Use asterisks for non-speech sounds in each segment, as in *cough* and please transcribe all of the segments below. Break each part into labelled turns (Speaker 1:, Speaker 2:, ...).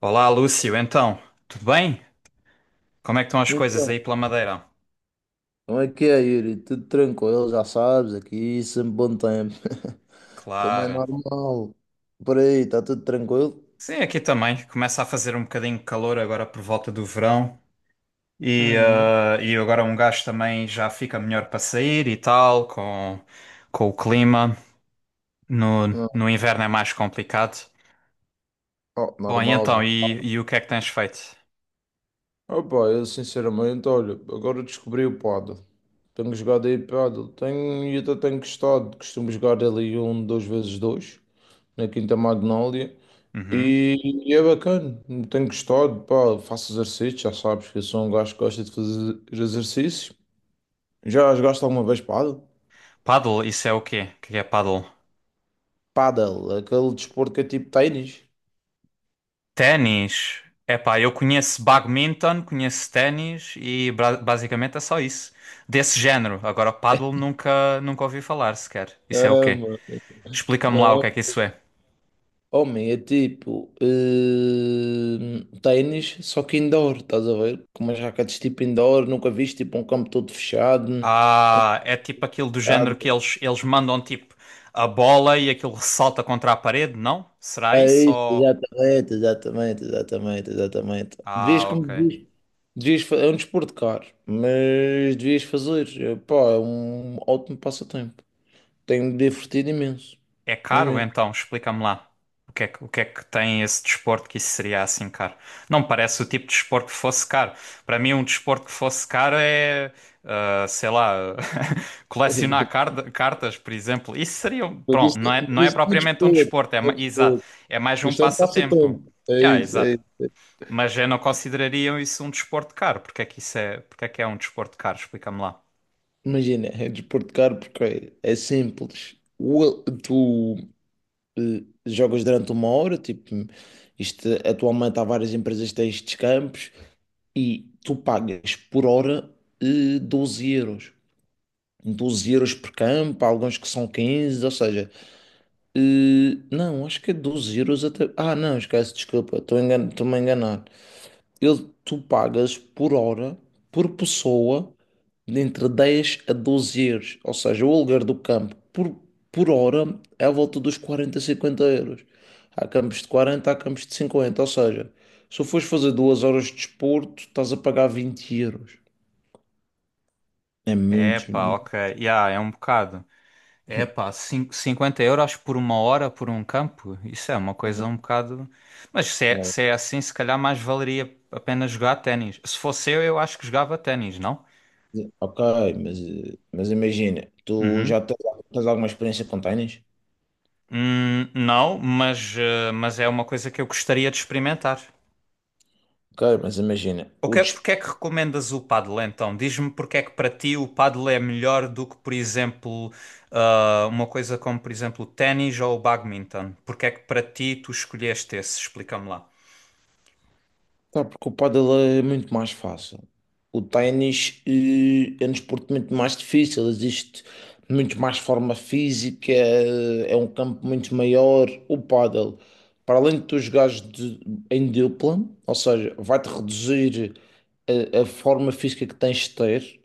Speaker 1: Olá, Lúcio. Então, tudo bem? Como é que estão as coisas
Speaker 2: Então,
Speaker 1: aí pela Madeira?
Speaker 2: como é que é, Yuri? Tudo tranquilo, já sabes, aqui sempre bom tempo. *laughs* Como é
Speaker 1: Claro.
Speaker 2: normal. Por aí, está tudo tranquilo?
Speaker 1: Sim, aqui também. Começa a fazer um bocadinho de calor agora por volta do verão.
Speaker 2: Uhum.
Speaker 1: E agora um gajo também já fica melhor para sair e tal, com o clima. No,
Speaker 2: Não,
Speaker 1: no inverno é mais complicado.
Speaker 2: oh,
Speaker 1: Bom, e
Speaker 2: normal
Speaker 1: então,
Speaker 2: já.
Speaker 1: e o que é que tens feito?
Speaker 2: Opa, eu sinceramente, olha, agora descobri o paddle. Tenho jogado aí paddle. Tenho, e até tenho gostado. Costumo jogar ali um, dois vezes dois, na Quinta Magnólia.
Speaker 1: Uhum.
Speaker 2: E, e é bacana, tenho gostado. Pá, faço exercício, já sabes que eu sou um gajo que gosta de fazer exercício. Já jogaste alguma vez paddle?
Speaker 1: Paddle, isso é o quê? O que é paddle?
Speaker 2: Paddle, aquele desporto que é tipo ténis.
Speaker 1: Ténis. Epá, eu conheço badminton, conheço ténis e basicamente é só isso. Desse género. Agora, paddle nunca ouvi falar sequer. Isso é o quê?
Speaker 2: Ama,
Speaker 1: Explica-me lá o
Speaker 2: não.
Speaker 1: que é que isso é.
Speaker 2: Homem, é tipo ténis, só que indoor, estás a ver? Com umas raquetes tipo indoor, nunca viste tipo um campo todo fechado, com
Speaker 1: Ah, é tipo aquilo do género
Speaker 2: fechado.
Speaker 1: que eles mandam tipo a bola e aquilo ressalta contra a parede, não? Será
Speaker 2: É
Speaker 1: isso?
Speaker 2: isso,
Speaker 1: Ou...
Speaker 2: exatamente, exatamente, exatamente, exatamente. Devias
Speaker 1: Ah,
Speaker 2: como
Speaker 1: ok.
Speaker 2: devias, é um desporto caro, mas devias fazer. Pá, é um ótimo passatempo. Tenho-me divertido imenso.
Speaker 1: É caro
Speaker 2: Imenso.
Speaker 1: então? Explica-me lá. O que é que tem esse desporto que isso seria assim caro? Não me parece o tipo de desporto que fosse caro. Para mim, um desporto que fosse caro é, ah, sei lá, *laughs* colecionar
Speaker 2: *laughs*
Speaker 1: cartas, por exemplo. Isso seria,
Speaker 2: Mas
Speaker 1: pronto,
Speaker 2: isto,
Speaker 1: não
Speaker 2: mas
Speaker 1: é
Speaker 2: isto é
Speaker 1: propriamente um
Speaker 2: desporto,
Speaker 1: desporto, é,
Speaker 2: é
Speaker 1: exato,
Speaker 2: desporto.
Speaker 1: é mais um
Speaker 2: Isto é um
Speaker 1: passatempo.
Speaker 2: passatempo. É
Speaker 1: Yeah,
Speaker 2: isso, é
Speaker 1: exato.
Speaker 2: isso.
Speaker 1: Mas eu não consideraria isso um desporto caro. Porque é que é um desporto caro? Explica-me lá.
Speaker 2: Imagina, é desporto caro porque é simples. Tu jogas durante uma hora. Tipo, isto atualmente há várias empresas que têm estes campos e tu pagas por hora 12 euros. 12 € por campo, há alguns que são 15, ou seja, não, acho que é 12 euros até. Ah, não, esquece, desculpa, estou-me a enganar. Eu tu pagas por hora, por pessoa, entre 10 a 12 euros. Ou seja, o aluguer do campo por hora é à volta dos 40 a 50 euros. Há campos de 40, há campos de 50. Ou seja, se fores fazer 2 horas de desporto, estás a pagar 20 euros. É muito
Speaker 1: Epá,
Speaker 2: dinheiro.
Speaker 1: ok. Yeah, é um bocado. É
Speaker 2: *laughs*
Speaker 1: pá, 50 euros por uma hora por um campo? Isso é uma coisa um bocado. Mas
Speaker 2: Ok,
Speaker 1: se é assim, se calhar mais valeria a pena jogar ténis. Se fosse eu acho que jogava ténis, não?
Speaker 2: Ok, mas imagina, tu
Speaker 1: Uhum.
Speaker 2: já tens alguma experiência com ténis?
Speaker 1: Não, mas, mas é uma coisa que eu gostaria de experimentar.
Speaker 2: Ok, mas imagina, o des
Speaker 1: Porque é que recomendas o paddle então? Diz-me porque é que para ti o paddle é melhor do que, por exemplo, ah, uma coisa como, por exemplo, o ténis ou o badminton? Porque é que para ti tu escolheste esse? Explica-me lá.
Speaker 2: tá, porque o pádel é muito mais fácil. O ténis é um desporto muito mais difícil, existe muito mais forma física, é um campo muito maior. O pádel, para além de tu jogares em dupla, ou seja, vai-te reduzir a forma física que tens de ter.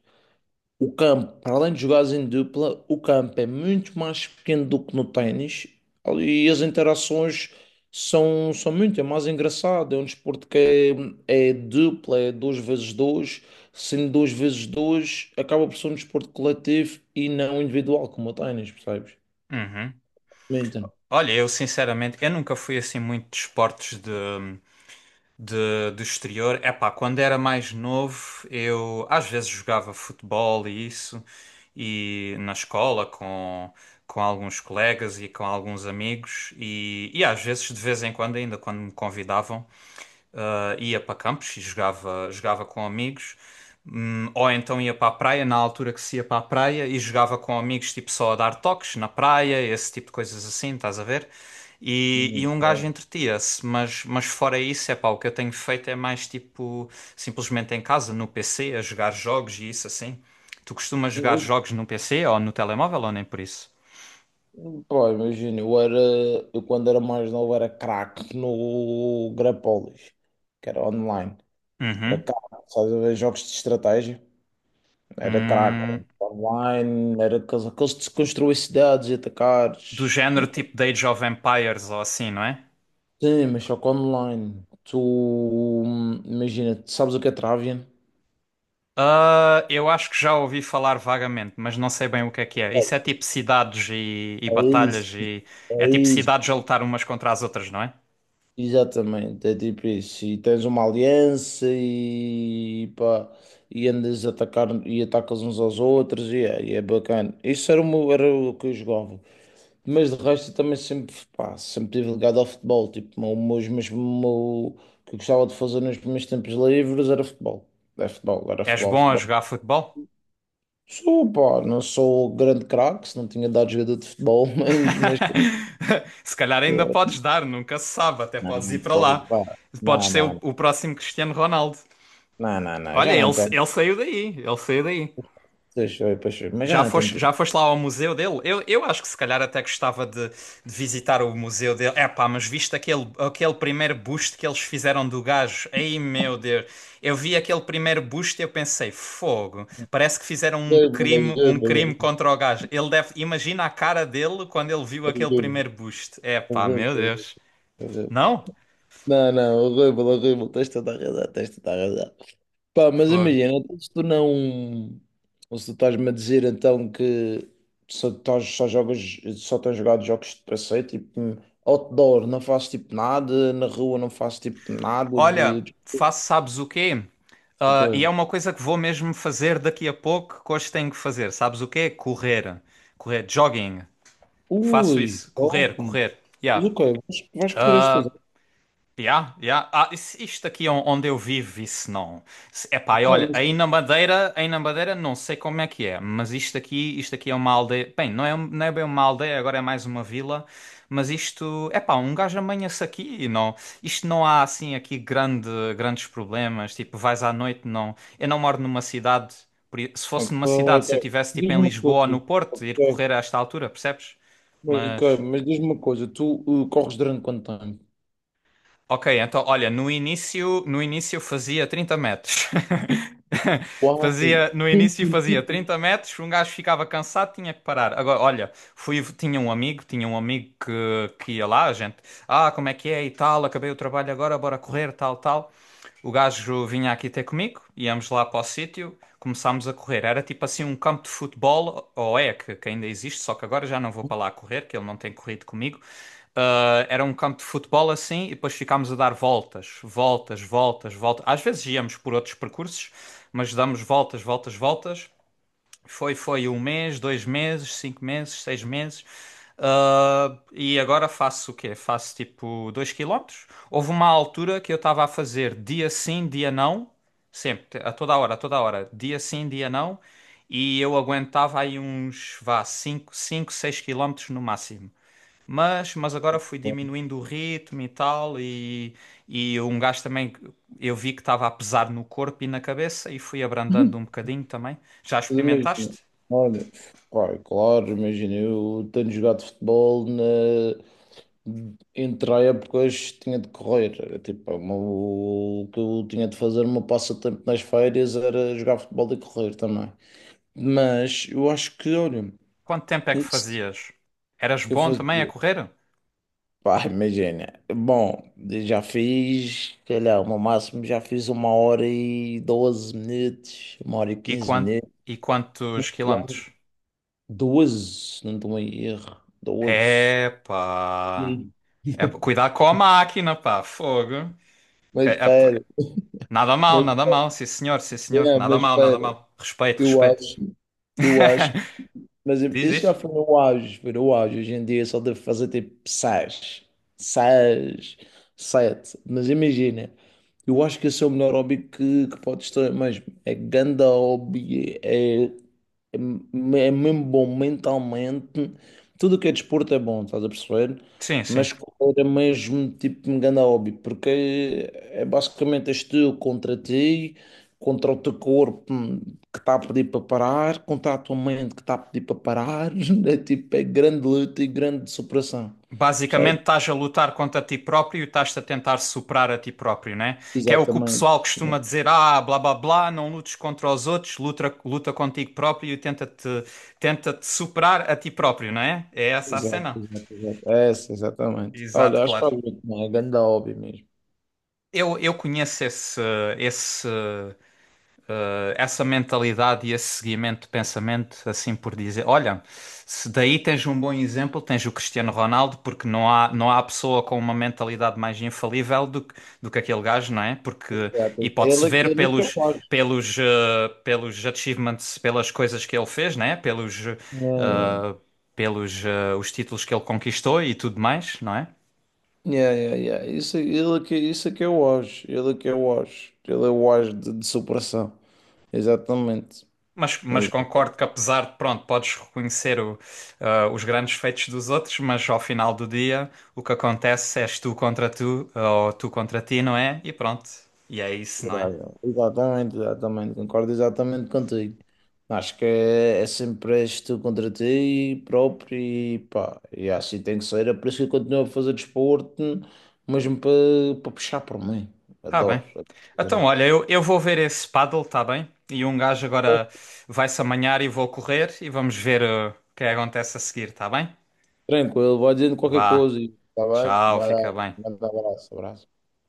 Speaker 2: O campo, para além de jogares em dupla, o campo é muito mais pequeno do que no ténis, e as interações são muito, é mais engraçado. É um desporto que é dupla, é dois vezes dois. Sendo dois vezes dois, acaba por ser um desporto coletivo e não individual, como o ténis, percebes?
Speaker 1: Uhum.
Speaker 2: Então,
Speaker 1: Olha, eu sinceramente, eu nunca fui assim muito de esportes de, do exterior. Epá, quando era mais novo, eu às vezes jogava futebol e isso, e na escola com alguns colegas e com alguns amigos, e às vezes, de vez em quando, ainda quando me convidavam ah, ia para campos e jogava, jogava com amigos. Ou então ia para a praia, na altura que se ia para a praia, e jogava com amigos, tipo só a dar toques na praia, esse tipo de coisas assim, estás a ver? E
Speaker 2: muito
Speaker 1: um gajo
Speaker 2: bom.
Speaker 1: entretia-se, mas fora isso, é pá, o que eu tenho feito é mais tipo, simplesmente em casa, no PC, a jogar jogos e isso assim. Tu costumas jogar
Speaker 2: Eu-
Speaker 1: jogos no PC ou no telemóvel ou nem por isso?
Speaker 2: Pá, imagina, eu quando era mais novo era craque no Grapolis, que era online. Era
Speaker 1: Uhum.
Speaker 2: caro, sabes. A Jogos de estratégia. Era caro.
Speaker 1: Hum,
Speaker 2: Online, era aqueles de se construir cidades e
Speaker 1: do
Speaker 2: atacares.
Speaker 1: género tipo de Age of Empires ou assim, não é?
Speaker 2: Sim, mas só que online. Tu, imagina, tu sabes o que é Travian?
Speaker 1: Ah, eu acho que já ouvi falar vagamente, mas não sei bem o que é que é. Isso é tipo cidades e
Speaker 2: É isso,
Speaker 1: batalhas e
Speaker 2: é
Speaker 1: é tipo
Speaker 2: isso.
Speaker 1: cidades a lutar umas contra as outras, não é?
Speaker 2: Exatamente, é tipo isso. E tens uma aliança e pá, e andas a atacar e atacas uns aos outros e é bacana. Isso era era o que eu jogava. Mas de resto eu também sempre, pá, sempre tive ligado ao futebol. Tipo, o meu- os meus, o meu- o que eu gostava de fazer nos meus tempos livres era futebol. Era futebol, era
Speaker 1: És
Speaker 2: futebol,
Speaker 1: bom a
Speaker 2: futebol.
Speaker 1: jogar futebol?
Speaker 2: Sou, pá, não sou grande craque, se não tinha dado jogador de futebol. *laughs* Mas.
Speaker 1: *laughs* Se calhar ainda podes dar, nunca se sabe, até
Speaker 2: Não,
Speaker 1: podes ir
Speaker 2: não,
Speaker 1: para
Speaker 2: pô,
Speaker 1: lá.
Speaker 2: pá,
Speaker 1: Podes
Speaker 2: não,
Speaker 1: ser
Speaker 2: não, não,
Speaker 1: o próximo Cristiano Ronaldo.
Speaker 2: não, não, não,
Speaker 1: Olha,
Speaker 2: já não tenho.
Speaker 1: ele saiu daí, ele saiu daí.
Speaker 2: Deixa eu, mas já não tenho piada.
Speaker 1: Já foste lá ao museu dele? Eu acho que se calhar até gostava de visitar o museu dele. É pá, mas viste aquele, aquele primeiro busto que eles fizeram do gajo? Ei meu Deus! Eu vi aquele primeiro busto e eu pensei, fogo! Parece que fizeram
Speaker 2: Horrível,
Speaker 1: um crime
Speaker 2: horrível,
Speaker 1: contra o gajo. Ele deve, imagina a cara dele quando ele viu aquele
Speaker 2: horrível,
Speaker 1: primeiro busto. É pá, meu
Speaker 2: horrível,
Speaker 1: Deus!
Speaker 2: horrível.
Speaker 1: Não?
Speaker 2: Não, não, horrível, horrível, tens toda a razão, tens toda a razão. Pá, mas
Speaker 1: Fogo.
Speaker 2: imagina, então, se tu não. Ou se tu estás-me a dizer então que só, estás, só jogas, só tens jogado jogos de passeio, tipo outdoor, não faço tipo nada, na rua não faço tipo nada
Speaker 1: Olha, faço sabes o quê? Ah, e
Speaker 2: Ok.
Speaker 1: é uma coisa que vou mesmo fazer daqui a pouco, que hoje tenho que fazer. Sabes o quê? Correr. Correr, jogging. Faço
Speaker 2: Ui,
Speaker 1: isso.
Speaker 2: top.
Speaker 1: Correr, correr.
Speaker 2: Mas
Speaker 1: Yeah.
Speaker 2: ok, vais correr estas
Speaker 1: Ah,
Speaker 2: horas.
Speaker 1: yeah, yeah. Ah, isto aqui onde eu vivo, isso não. Epá, e
Speaker 2: Ok,
Speaker 1: olha,
Speaker 2: mas.
Speaker 1: aí na Madeira não sei como é que é, mas isto aqui é uma aldeia. Bem, não é bem uma aldeia, agora é mais uma vila, mas isto, epá, um gajo amanha-se aqui e não. Isto não há assim aqui grande, grandes problemas, tipo, vais à noite, não. Eu não moro numa cidade, se
Speaker 2: Ok,
Speaker 1: fosse numa cidade,
Speaker 2: ok.
Speaker 1: se eu tivesse tipo em
Speaker 2: Diz-me uma
Speaker 1: Lisboa ou no
Speaker 2: coisa.
Speaker 1: Porto, ir
Speaker 2: Ok,
Speaker 1: correr a esta altura, percebes?
Speaker 2: mas, ok,
Speaker 1: Mas.
Speaker 2: mas diz-me uma coisa, tu corres durante quanto tempo?
Speaker 1: Ok, então olha, no início fazia 30 metros. *laughs*
Speaker 2: Uai,
Speaker 1: Fazia, no
Speaker 2: 30
Speaker 1: início fazia
Speaker 2: metros.
Speaker 1: 30 metros, um gajo ficava cansado, tinha que parar. Agora, olha, fui, tinha um amigo que ia lá, a gente, ah, como é que é e tal, acabei o trabalho agora, bora correr, tal, tal. O gajo vinha aqui ter comigo, íamos lá para o sítio, começámos a correr. Era tipo assim um campo de futebol, ou é, que ainda existe, só que agora já não vou para lá correr, que ele não tem corrido comigo. Ah, era um campo de futebol assim, e depois ficámos a dar voltas, voltas, voltas, voltas. Às vezes íamos por outros percursos, mas damos voltas, voltas, voltas. Foi um mês, dois meses, cinco meses, seis meses. Ah, e agora faço o quê? Faço tipo 2 quilómetros. Houve uma altura que eu estava a fazer dia sim, dia não, sempre, a toda hora, dia sim, dia não, e eu aguentava aí uns, vá, cinco seis quilómetros no máximo. Mas agora fui
Speaker 2: *laughs*
Speaker 1: diminuindo o ritmo e tal, e um gajo também, que eu vi que estava a pesar no corpo e na cabeça, e fui abrandando um bocadinho também. Já
Speaker 2: Mas imagina,
Speaker 1: experimentaste?
Speaker 2: olha, pá, claro, imagina, eu tenho jogado futebol entre a épocas tinha de correr. Era tipo, o que eu tinha de fazer o meu passatempo nas férias era jogar futebol e correr também. Mas eu acho que, olha,
Speaker 1: Quanto tempo é que
Speaker 2: isso
Speaker 1: fazias? Eras
Speaker 2: eu
Speaker 1: bom também a
Speaker 2: fazia.
Speaker 1: correr?
Speaker 2: Pá, imagina, bom, já fiz, sei lá, no máximo já fiz uma hora e 12 minutos, uma hora e
Speaker 1: E,
Speaker 2: quinze
Speaker 1: quan- e quantos
Speaker 2: minutos.
Speaker 1: quilómetros?
Speaker 2: 12, não estou em erro. 12.
Speaker 1: Epá!
Speaker 2: Sim.
Speaker 1: Epá,
Speaker 2: *laughs*
Speaker 1: cuidado com a máquina, pá, fogo!
Speaker 2: Mas
Speaker 1: Que- epá,
Speaker 2: espera,
Speaker 1: Nada mal,
Speaker 2: mas,
Speaker 1: nada mal, sim senhor,
Speaker 2: é,
Speaker 1: nada
Speaker 2: mas
Speaker 1: mal, nada
Speaker 2: espera,
Speaker 1: mal. Respeito,
Speaker 2: eu
Speaker 1: respeito.
Speaker 2: acho, eu acho,
Speaker 1: *laughs*
Speaker 2: mas
Speaker 1: Diz,
Speaker 2: isso já
Speaker 1: diz?
Speaker 2: foi no auge, foi no auge. Hoje em dia só deve fazer tipo seis, seis, sete. Mas imagina, eu acho que esse é o melhor hobby que podes ter, mas é ganda hobby. É mesmo bom mentalmente. Tudo o que é desporto é bom, estás a perceber?
Speaker 1: Sim, sim.
Speaker 2: Mas correr é mesmo tipo um grande hobby, porque é basicamente és tu contra ti, contra o teu corpo, que está a pedir para parar, contra a tua mente que está a pedir para parar. *laughs* É tipo, é grande luta e grande superação, sabe?
Speaker 1: Basicamente, estás a lutar contra ti próprio e estás-te a tentar superar a ti próprio, né? Que é o que o
Speaker 2: Exatamente.
Speaker 1: pessoal costuma dizer: ah, blá blá blá, não lutes contra os outros, luta, luta contigo próprio e tenta-te superar a ti próprio, não é? É essa a
Speaker 2: Exato,
Speaker 1: cena.
Speaker 2: exato, exato. Essa, exatamente.
Speaker 1: Exato,
Speaker 2: Olha, acho que
Speaker 1: claro.
Speaker 2: faz muito bem, é grande hobby mesmo.
Speaker 1: Eu conheço esse, esse essa mentalidade e esse seguimento de pensamento, assim por dizer. Olha, se daí tens um bom exemplo, tens o Cristiano Ronaldo, porque não há pessoa com uma mentalidade mais infalível do que aquele gajo, não é? Porque,
Speaker 2: Exato.
Speaker 1: e pode-se
Speaker 2: Ele,
Speaker 1: ver
Speaker 2: ele é que
Speaker 1: pelos, pelos achievements, pelas coisas que ele fez, não é? Pelos, eh, os títulos que ele conquistou e tudo mais, não é?
Speaker 2: Yeah, yeah, yeah. Isso, ele é que, isso é que é o auge. Ele é que é o auge. Ele é o auge de superação. Exatamente.
Speaker 1: Mas
Speaker 2: Exa-
Speaker 1: concordo que apesar de, pronto, podes reconhecer o, ah, os grandes feitos dos outros, mas ao final do dia o que acontece és tu contra tu, ou tu contra ti, não é? E pronto, e é isso, não é?
Speaker 2: Exatamente, exatamente. Concordo exatamente contigo. Acho que é sempre és tu contra ti próprio e pá. E assim tem que ser. É por isso que eu continuo a fazer desporto, mesmo para puxar por mim.
Speaker 1: Tá
Speaker 2: Adoro.
Speaker 1: bem. Então, olha, eu vou ver esse paddle, tá bem? E um gajo agora vai-se amanhar e vou correr e vamos ver ah, o que é que acontece a seguir, tá bem?
Speaker 2: Tranquilo, vai dizendo qualquer
Speaker 1: Vá,
Speaker 2: coisa. Está bem?
Speaker 1: tchau,
Speaker 2: Vai dar,
Speaker 1: fica bem.
Speaker 2: vai dar abraço, abraço.